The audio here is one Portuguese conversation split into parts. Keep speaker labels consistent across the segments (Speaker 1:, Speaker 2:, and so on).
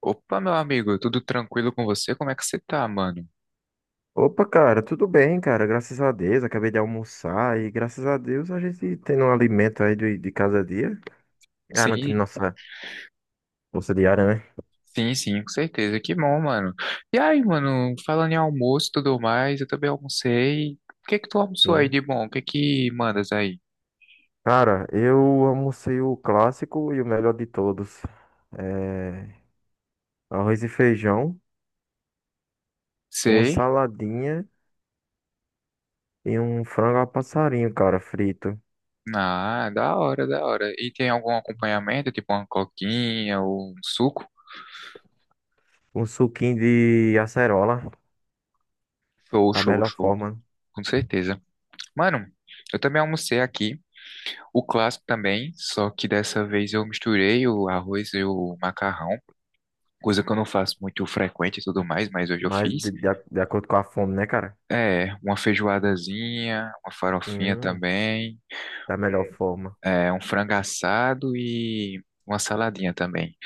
Speaker 1: Opa, meu amigo, tudo tranquilo com você? Como é que você tá, mano?
Speaker 2: Opa, cara, tudo bem, cara? Graças a Deus, acabei de almoçar e graças a Deus a gente tendo um alimento aí de cada dia, garantindo
Speaker 1: Sim,
Speaker 2: nossa bolsa diária, né?
Speaker 1: sim, sim, com certeza. Que bom, mano. E aí, mano, falando em almoço e tudo mais, eu também almocei. O que é que tu almoçou aí
Speaker 2: Sim.
Speaker 1: de bom? O que é que mandas aí?
Speaker 2: Cara, eu almocei o clássico e o melhor de todos. É, arroz e feijão, uma
Speaker 1: Sei.
Speaker 2: saladinha e um frango a passarinho, cara, frito.
Speaker 1: Ah, da hora, da hora. E tem algum acompanhamento, tipo uma coquinha ou um suco?
Speaker 2: Um suquinho de acerola,
Speaker 1: Show,
Speaker 2: da
Speaker 1: show,
Speaker 2: melhor
Speaker 1: show.
Speaker 2: forma,
Speaker 1: Com certeza. Mano, eu também almocei aqui. O clássico também, só que dessa vez eu misturei o arroz e o macarrão, coisa que eu não faço muito frequente e tudo mais, mas hoje eu
Speaker 2: mas
Speaker 1: fiz.
Speaker 2: de acordo com a fome, né, cara?
Speaker 1: É, uma feijoadazinha, uma farofinha
Speaker 2: Hum,
Speaker 1: também,
Speaker 2: da melhor forma.
Speaker 1: é, um frango assado e uma saladinha também.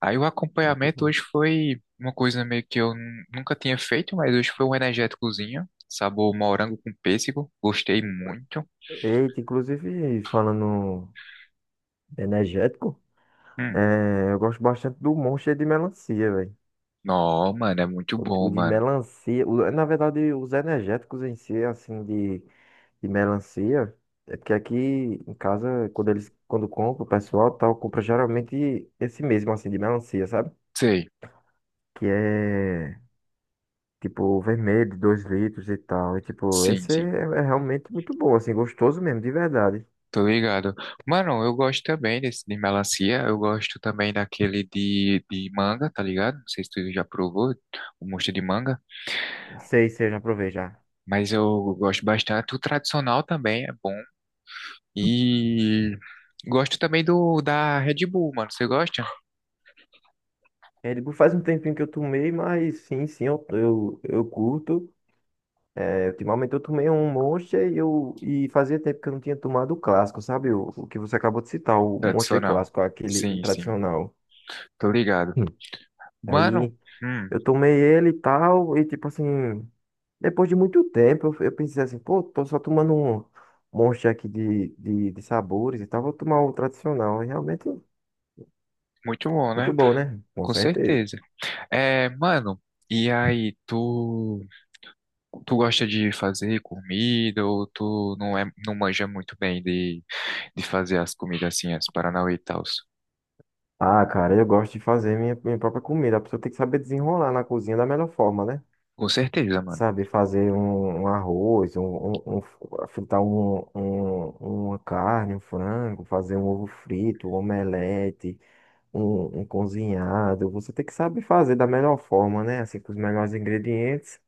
Speaker 1: Aí o
Speaker 2: Muito
Speaker 1: acompanhamento
Speaker 2: bom.
Speaker 1: hoje foi uma coisa meio que eu nunca tinha feito, mas hoje foi um energéticozinho, sabor morango com pêssego, gostei muito.
Speaker 2: Eita, inclusive, falando energético,
Speaker 1: Hum,
Speaker 2: eu gosto bastante do Monster de melancia, velho.
Speaker 1: não, mano, é muito
Speaker 2: O
Speaker 1: bom,
Speaker 2: de
Speaker 1: mano.
Speaker 2: melancia, o- Na verdade, os energéticos em si, assim, de melancia, é porque aqui em casa, quando compra, o pessoal tal, compra geralmente esse mesmo, assim, de melancia, sabe?
Speaker 1: Sei,
Speaker 2: Que é, tipo, vermelho, 2 litros e tal. E, tipo,
Speaker 1: sim,
Speaker 2: esse é,
Speaker 1: sim.
Speaker 2: é realmente muito bom, assim, gostoso mesmo, de verdade.
Speaker 1: Tô ligado. Mano, eu gosto também desse de melancia. Eu gosto também daquele de manga, tá ligado? Não sei se tu já provou o mosto de manga,
Speaker 2: Sei, sei, já provei já.
Speaker 1: mas eu gosto bastante. O tradicional também é bom. E gosto também do da Red Bull, mano. Você gosta?
Speaker 2: É, tipo, faz um tempinho que eu tomei, mas sim, sim, eu curto. É, ultimamente eu tomei um Monster e fazia tempo que eu não tinha tomado o clássico, sabe? O que você acabou de citar, o Monster
Speaker 1: Tradicional.
Speaker 2: clássico, aquele
Speaker 1: Sim, sim.
Speaker 2: tradicional.
Speaker 1: Tô ligado.
Speaker 2: Hum.
Speaker 1: Mano,
Speaker 2: Aí
Speaker 1: hum,
Speaker 2: eu tomei ele e tal, e tipo assim, depois de muito tempo eu pensei assim, pô, tô só tomando um Monster aqui de sabores e tal, vou tomar o tradicional. E realmente
Speaker 1: muito bom, né?
Speaker 2: muito bom, né? Com
Speaker 1: Com
Speaker 2: certeza.
Speaker 1: certeza. É, mano, e aí, tu. Tu gosta de fazer comida ou tu não é, não manja muito bem de fazer as comidas assim, as Paranauê e tal?
Speaker 2: Ah, cara, eu gosto de fazer minha própria comida. A pessoa tem que saber desenrolar na cozinha da melhor forma, né?
Speaker 1: Com certeza, mano.
Speaker 2: Saber fazer um arroz, fritar uma carne, um frango, fazer um ovo frito, um omelete, um cozinhado. Você tem que saber fazer da melhor forma, né? Assim, com os melhores ingredientes,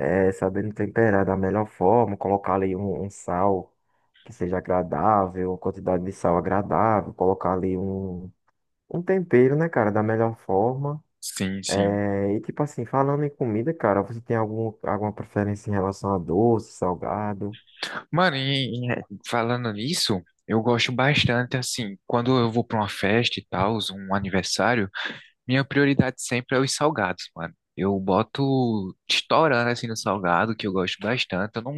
Speaker 2: sabendo temperar da melhor forma, colocar ali um sal que seja agradável, uma quantidade de sal agradável, colocar ali um tempero, né, cara, da melhor forma.
Speaker 1: Sim, sim.
Speaker 2: É, e tipo assim, falando em comida, cara, você tem alguma preferência em relação a doce, salgado?
Speaker 1: Mano, é, falando nisso, eu gosto bastante assim, quando eu vou pra uma festa e tal, um aniversário, minha prioridade sempre é os salgados, mano. Eu boto estourando assim no salgado, que eu gosto bastante. Eu não,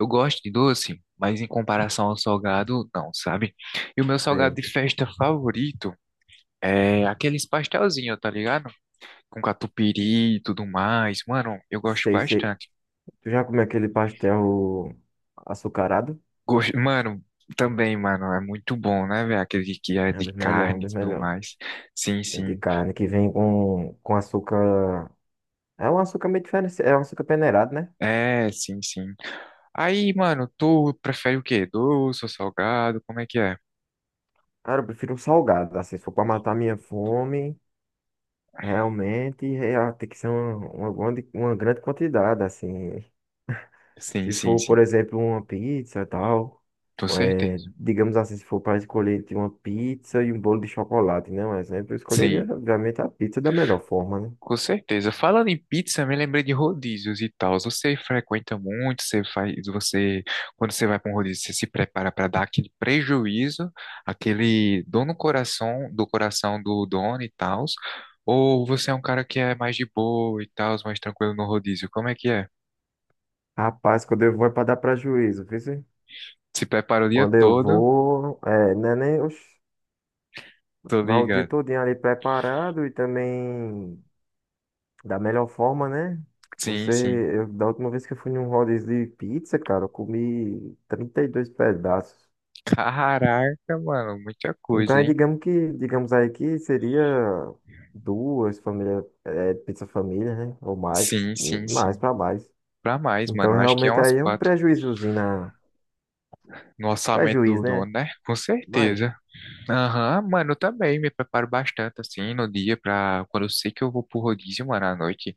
Speaker 1: eu gosto de doce, mas em comparação ao salgado, não, sabe? E o meu salgado
Speaker 2: Sei.
Speaker 1: de festa favorito é aqueles pastelzinhos, tá ligado? Com catupiry e tudo mais. Mano, eu gosto
Speaker 2: Sei, sei.
Speaker 1: bastante.
Speaker 2: Tu já comeu aquele pastel açucarado?
Speaker 1: Gosto... Mano, também, mano, é muito bom, né, velho? Aquele que é
Speaker 2: É um
Speaker 1: de
Speaker 2: dos melhores, um
Speaker 1: carne e
Speaker 2: dos
Speaker 1: tudo
Speaker 2: melhores.
Speaker 1: mais. Sim,
Speaker 2: É de
Speaker 1: sim.
Speaker 2: carne que vem com açúcar. É um açúcar meio diferente, é um açúcar peneirado, né?
Speaker 1: É, sim, sim. Aí, mano, tu prefere o quê? Doce ou salgado? Como é que é?
Speaker 2: Cara, eu prefiro um salgado, assim, se for pra matar minha fome, realmente, é, tem que ser uma grande quantidade, assim.
Speaker 1: Sim,
Speaker 2: Se
Speaker 1: sim,
Speaker 2: for,
Speaker 1: sim.
Speaker 2: por exemplo, uma pizza e tal,
Speaker 1: Com
Speaker 2: é,
Speaker 1: certeza.
Speaker 2: digamos assim, se for para escolher entre uma pizza e um bolo de chocolate, né? Um exemplo, eu escolheria,
Speaker 1: Sim.
Speaker 2: obviamente, a pizza da melhor forma, né?
Speaker 1: Com certeza. Falando em pizza, me lembrei de rodízios e tal. Você frequenta muito, você faz, você, quando você vai para um rodízio, você se prepara para dar aquele prejuízo, aquele dor no coração do dono e tal. Ou você é um cara que é mais de boa e tal, mais tranquilo no rodízio? Como é que é?
Speaker 2: Rapaz, quando eu vou é para dar prejuízo, viu, cê?
Speaker 1: Se prepara o dia
Speaker 2: Quando eu
Speaker 1: todo?
Speaker 2: vou, é, né, nem, oxe,
Speaker 1: Tô
Speaker 2: vai o dia
Speaker 1: ligado.
Speaker 2: todinho ali preparado e também da melhor forma, né?
Speaker 1: Sim,
Speaker 2: Você,
Speaker 1: sim.
Speaker 2: eu, da última vez que eu fui num rodízio de pizza, cara, eu comi 32 pedaços.
Speaker 1: Caraca, mano, muita
Speaker 2: Então,
Speaker 1: coisa,
Speaker 2: é,
Speaker 1: hein?
Speaker 2: digamos que, digamos aí que seria duas famílias, é, pizza família, né? Ou mais,
Speaker 1: Sim, sim,
Speaker 2: mais
Speaker 1: sim.
Speaker 2: para mais.
Speaker 1: Pra mais,
Speaker 2: Então,
Speaker 1: mano. Acho que é
Speaker 2: realmente
Speaker 1: umas
Speaker 2: aí é um
Speaker 1: quatro.
Speaker 2: prejuízozinho
Speaker 1: No orçamento do
Speaker 2: prejuízo,
Speaker 1: dono,
Speaker 2: né?
Speaker 1: né? Com
Speaker 2: Mas
Speaker 1: certeza. Aham, mano, eu também me preparo bastante, assim, no dia pra... Quando eu sei que eu vou pro rodízio, mano, à noite,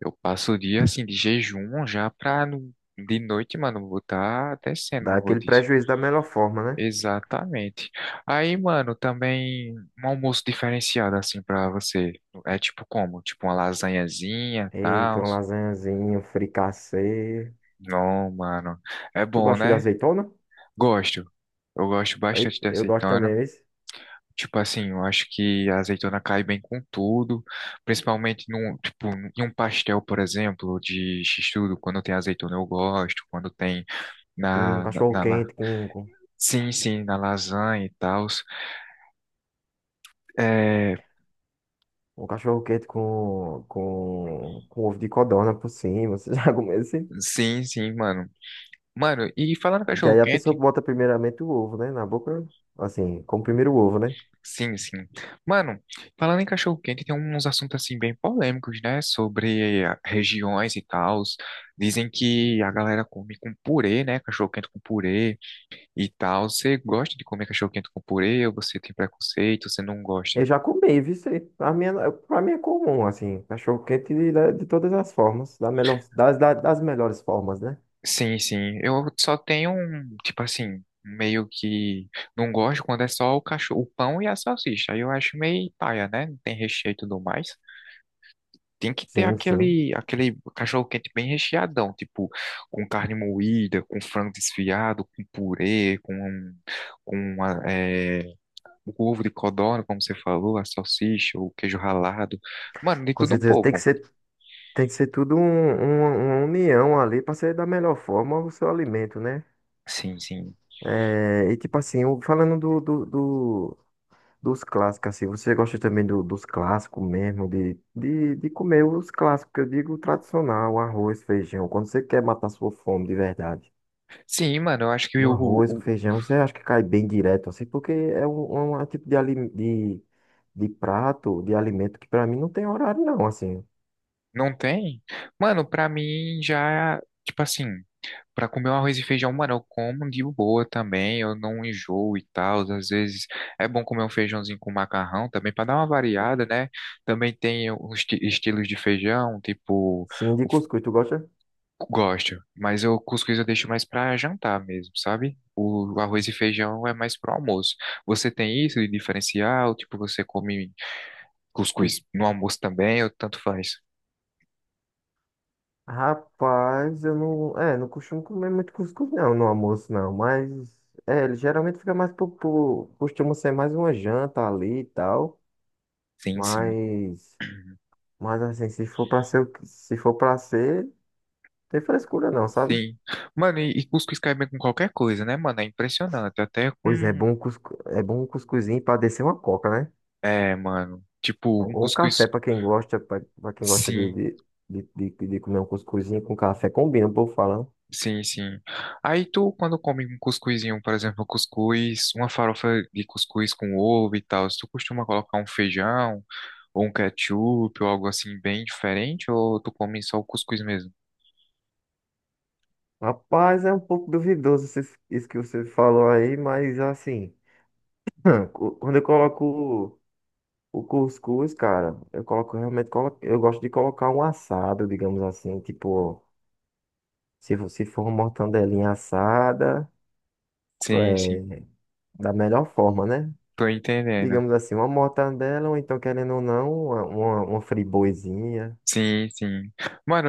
Speaker 1: eu passo o dia, assim, de jejum já pra... De noite, mano, eu vou estar descendo
Speaker 2: dá
Speaker 1: no
Speaker 2: aquele
Speaker 1: rodízio.
Speaker 2: prejuízo da melhor forma, né?
Speaker 1: Exatamente. Aí, mano, também um almoço diferenciado, assim, pra você. É tipo como? Tipo uma lasanhazinha,
Speaker 2: Eita,
Speaker 1: tal.
Speaker 2: uma lasanhazinha, um fricassê.
Speaker 1: Não, mano. É
Speaker 2: Tu
Speaker 1: bom,
Speaker 2: gosta de
Speaker 1: né?
Speaker 2: azeitona?
Speaker 1: Gosto. Eu gosto
Speaker 2: Ei,
Speaker 1: bastante de
Speaker 2: eu gosto
Speaker 1: azeitona.
Speaker 2: também, esse.
Speaker 1: Tipo assim, eu acho que a azeitona cai bem com tudo, principalmente num, tipo, em um pastel, por exemplo, de x-tudo, quando tem azeitona eu gosto, quando tem
Speaker 2: Um
Speaker 1: na, na,
Speaker 2: cachorro
Speaker 1: na la-
Speaker 2: quente com
Speaker 1: sim, sim, na lasanha e tal. É,
Speaker 2: Um cachorro quente com ovo de codorna por cima. Você já comeu isso?
Speaker 1: sim, sim, mano. Mano, e falando em
Speaker 2: Que aí a pessoa
Speaker 1: cachorro-quente,
Speaker 2: bota primeiramente o ovo, né? Na boca, assim, como primeiro o ovo, né?
Speaker 1: sim, sim. Mano, falando em cachorro-quente, tem uns assuntos assim bem polêmicos, né, sobre regiões e tal. Dizem que a galera come com purê, né, cachorro-quente com purê e tal. Você gosta de comer cachorro quente com purê ou você tem preconceito, você não gosta?
Speaker 2: Eu já comi, viu? Isso aí? Pra mim, pra mim é comum, assim, cachorro quente de todas as formas, da melhor, das melhores formas, né?
Speaker 1: Sim, sim. Eu só tenho um, tipo assim, meio que não gosto quando é só o cachorro, o pão e a salsicha. Aí eu acho meio paia, né? Não tem recheio e tudo mais. Tem que ter
Speaker 2: Sim, sim.
Speaker 1: aquele, aquele cachorro quente bem recheadão, tipo, com carne moída, com frango desfiado, com purê, com, um, com é, o ovo de codorna, como você falou, a salsicha, o queijo ralado. Mano, de
Speaker 2: Com
Speaker 1: tudo um
Speaker 2: certeza
Speaker 1: pouco.
Speaker 2: tem que ser tudo uma união ali pra ser da melhor forma o seu alimento, né?
Speaker 1: Sim, sim.
Speaker 2: É, e tipo assim, falando dos clássicos, assim, você gosta também dos clássicos mesmo, de comer os clássicos, que eu digo tradicional, arroz, feijão, quando você quer matar sua fome de verdade.
Speaker 1: Sim, mano, eu acho que
Speaker 2: Um arroz, um feijão, você acha que cai bem direto, assim, porque é é um tipo de prato, de alimento, que pra mim não tem horário não, assim.
Speaker 1: não tem. Mano, pra mim já, tipo assim, pra comer um arroz e feijão, mano, eu como de boa também, eu não enjoo e tal. Às vezes é bom comer um feijãozinho com macarrão também pra dar uma variada, né? Também tem os estilos de feijão, tipo,
Speaker 2: Sim, de
Speaker 1: o f-
Speaker 2: cuscuz, tu gosta?
Speaker 1: gosto, mas eu cuscuz eu deixo mais pra jantar mesmo, sabe? O arroz e feijão é mais pro almoço. Você tem isso de diferencial? Tipo, você come cuscuz. No almoço também, eu tanto faz.
Speaker 2: Rapaz, eu não, é, não costumo comer muito cuscuz não, no almoço não, mas, é, ele geralmente fica mais costuma ser mais uma janta ali e tal.
Speaker 1: Sim, sim.
Speaker 2: Mas, mas assim, se for pra ser, se for para ser, tem frescura não, sabe?
Speaker 1: Sim. Mano, cuscuz cai bem com qualquer coisa, né, mano? É impressionante. Até com.
Speaker 2: Pois é bom um cuscuzinho pra descer uma coca, né?
Speaker 1: É, mano. Tipo, um
Speaker 2: Ou um
Speaker 1: cuscuz.
Speaker 2: café pra quem gosta, pra quem gosta
Speaker 1: Sim,
Speaker 2: de, de de comer um cuscuzinho com café, combina, o povo fala, né?
Speaker 1: sim, sim. Aí tu, quando come um cuscuzinho, por exemplo, um cuscuz, uma farofa de cuscuz com ovo e tal, tu costuma colocar um feijão ou um ketchup ou algo assim bem diferente? Ou tu come só o cuscuz mesmo?
Speaker 2: Rapaz, é um pouco duvidoso isso que você falou aí, mas assim, quando eu coloco o cuscuz, cara, eu coloco realmente, eu gosto de colocar um assado, digamos assim, tipo se você for uma mortandelinha assada,
Speaker 1: Sim, sim.
Speaker 2: é, da melhor forma, né?
Speaker 1: Tô entendendo.
Speaker 2: Digamos assim, uma mortandela, ou então, querendo ou não, uma friboizinha.
Speaker 1: Sim, sim.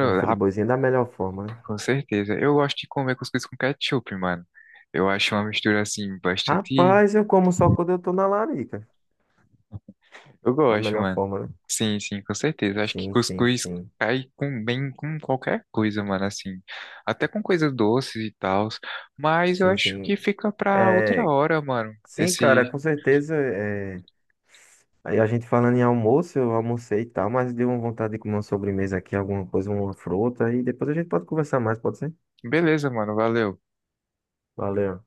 Speaker 2: Uma friboizinha da melhor forma, né?
Speaker 1: com certeza. Eu gosto de comer cuscuz com ketchup, mano. Eu acho uma mistura assim bastante.
Speaker 2: Rapaz, eu como só quando eu tô na larica.
Speaker 1: Eu
Speaker 2: Da
Speaker 1: gosto,
Speaker 2: melhor
Speaker 1: mano.
Speaker 2: forma, né?
Speaker 1: Sim, sim, com certeza. Acho que
Speaker 2: Sim, sim,
Speaker 1: cuscuz
Speaker 2: sim.
Speaker 1: cai com bem com qualquer coisa, mano, assim. Até com coisas doces e tal. Mas eu
Speaker 2: Sim,
Speaker 1: acho que
Speaker 2: sim.
Speaker 1: fica pra outra
Speaker 2: É,
Speaker 1: hora, mano.
Speaker 2: sim, cara,
Speaker 1: Esse.
Speaker 2: com certeza. Aí a gente falando em almoço, eu almocei e tal, mas deu uma vontade de comer uma sobremesa aqui, alguma coisa, uma fruta, e depois a gente pode conversar mais, pode ser?
Speaker 1: Beleza, mano. Valeu.
Speaker 2: Valeu.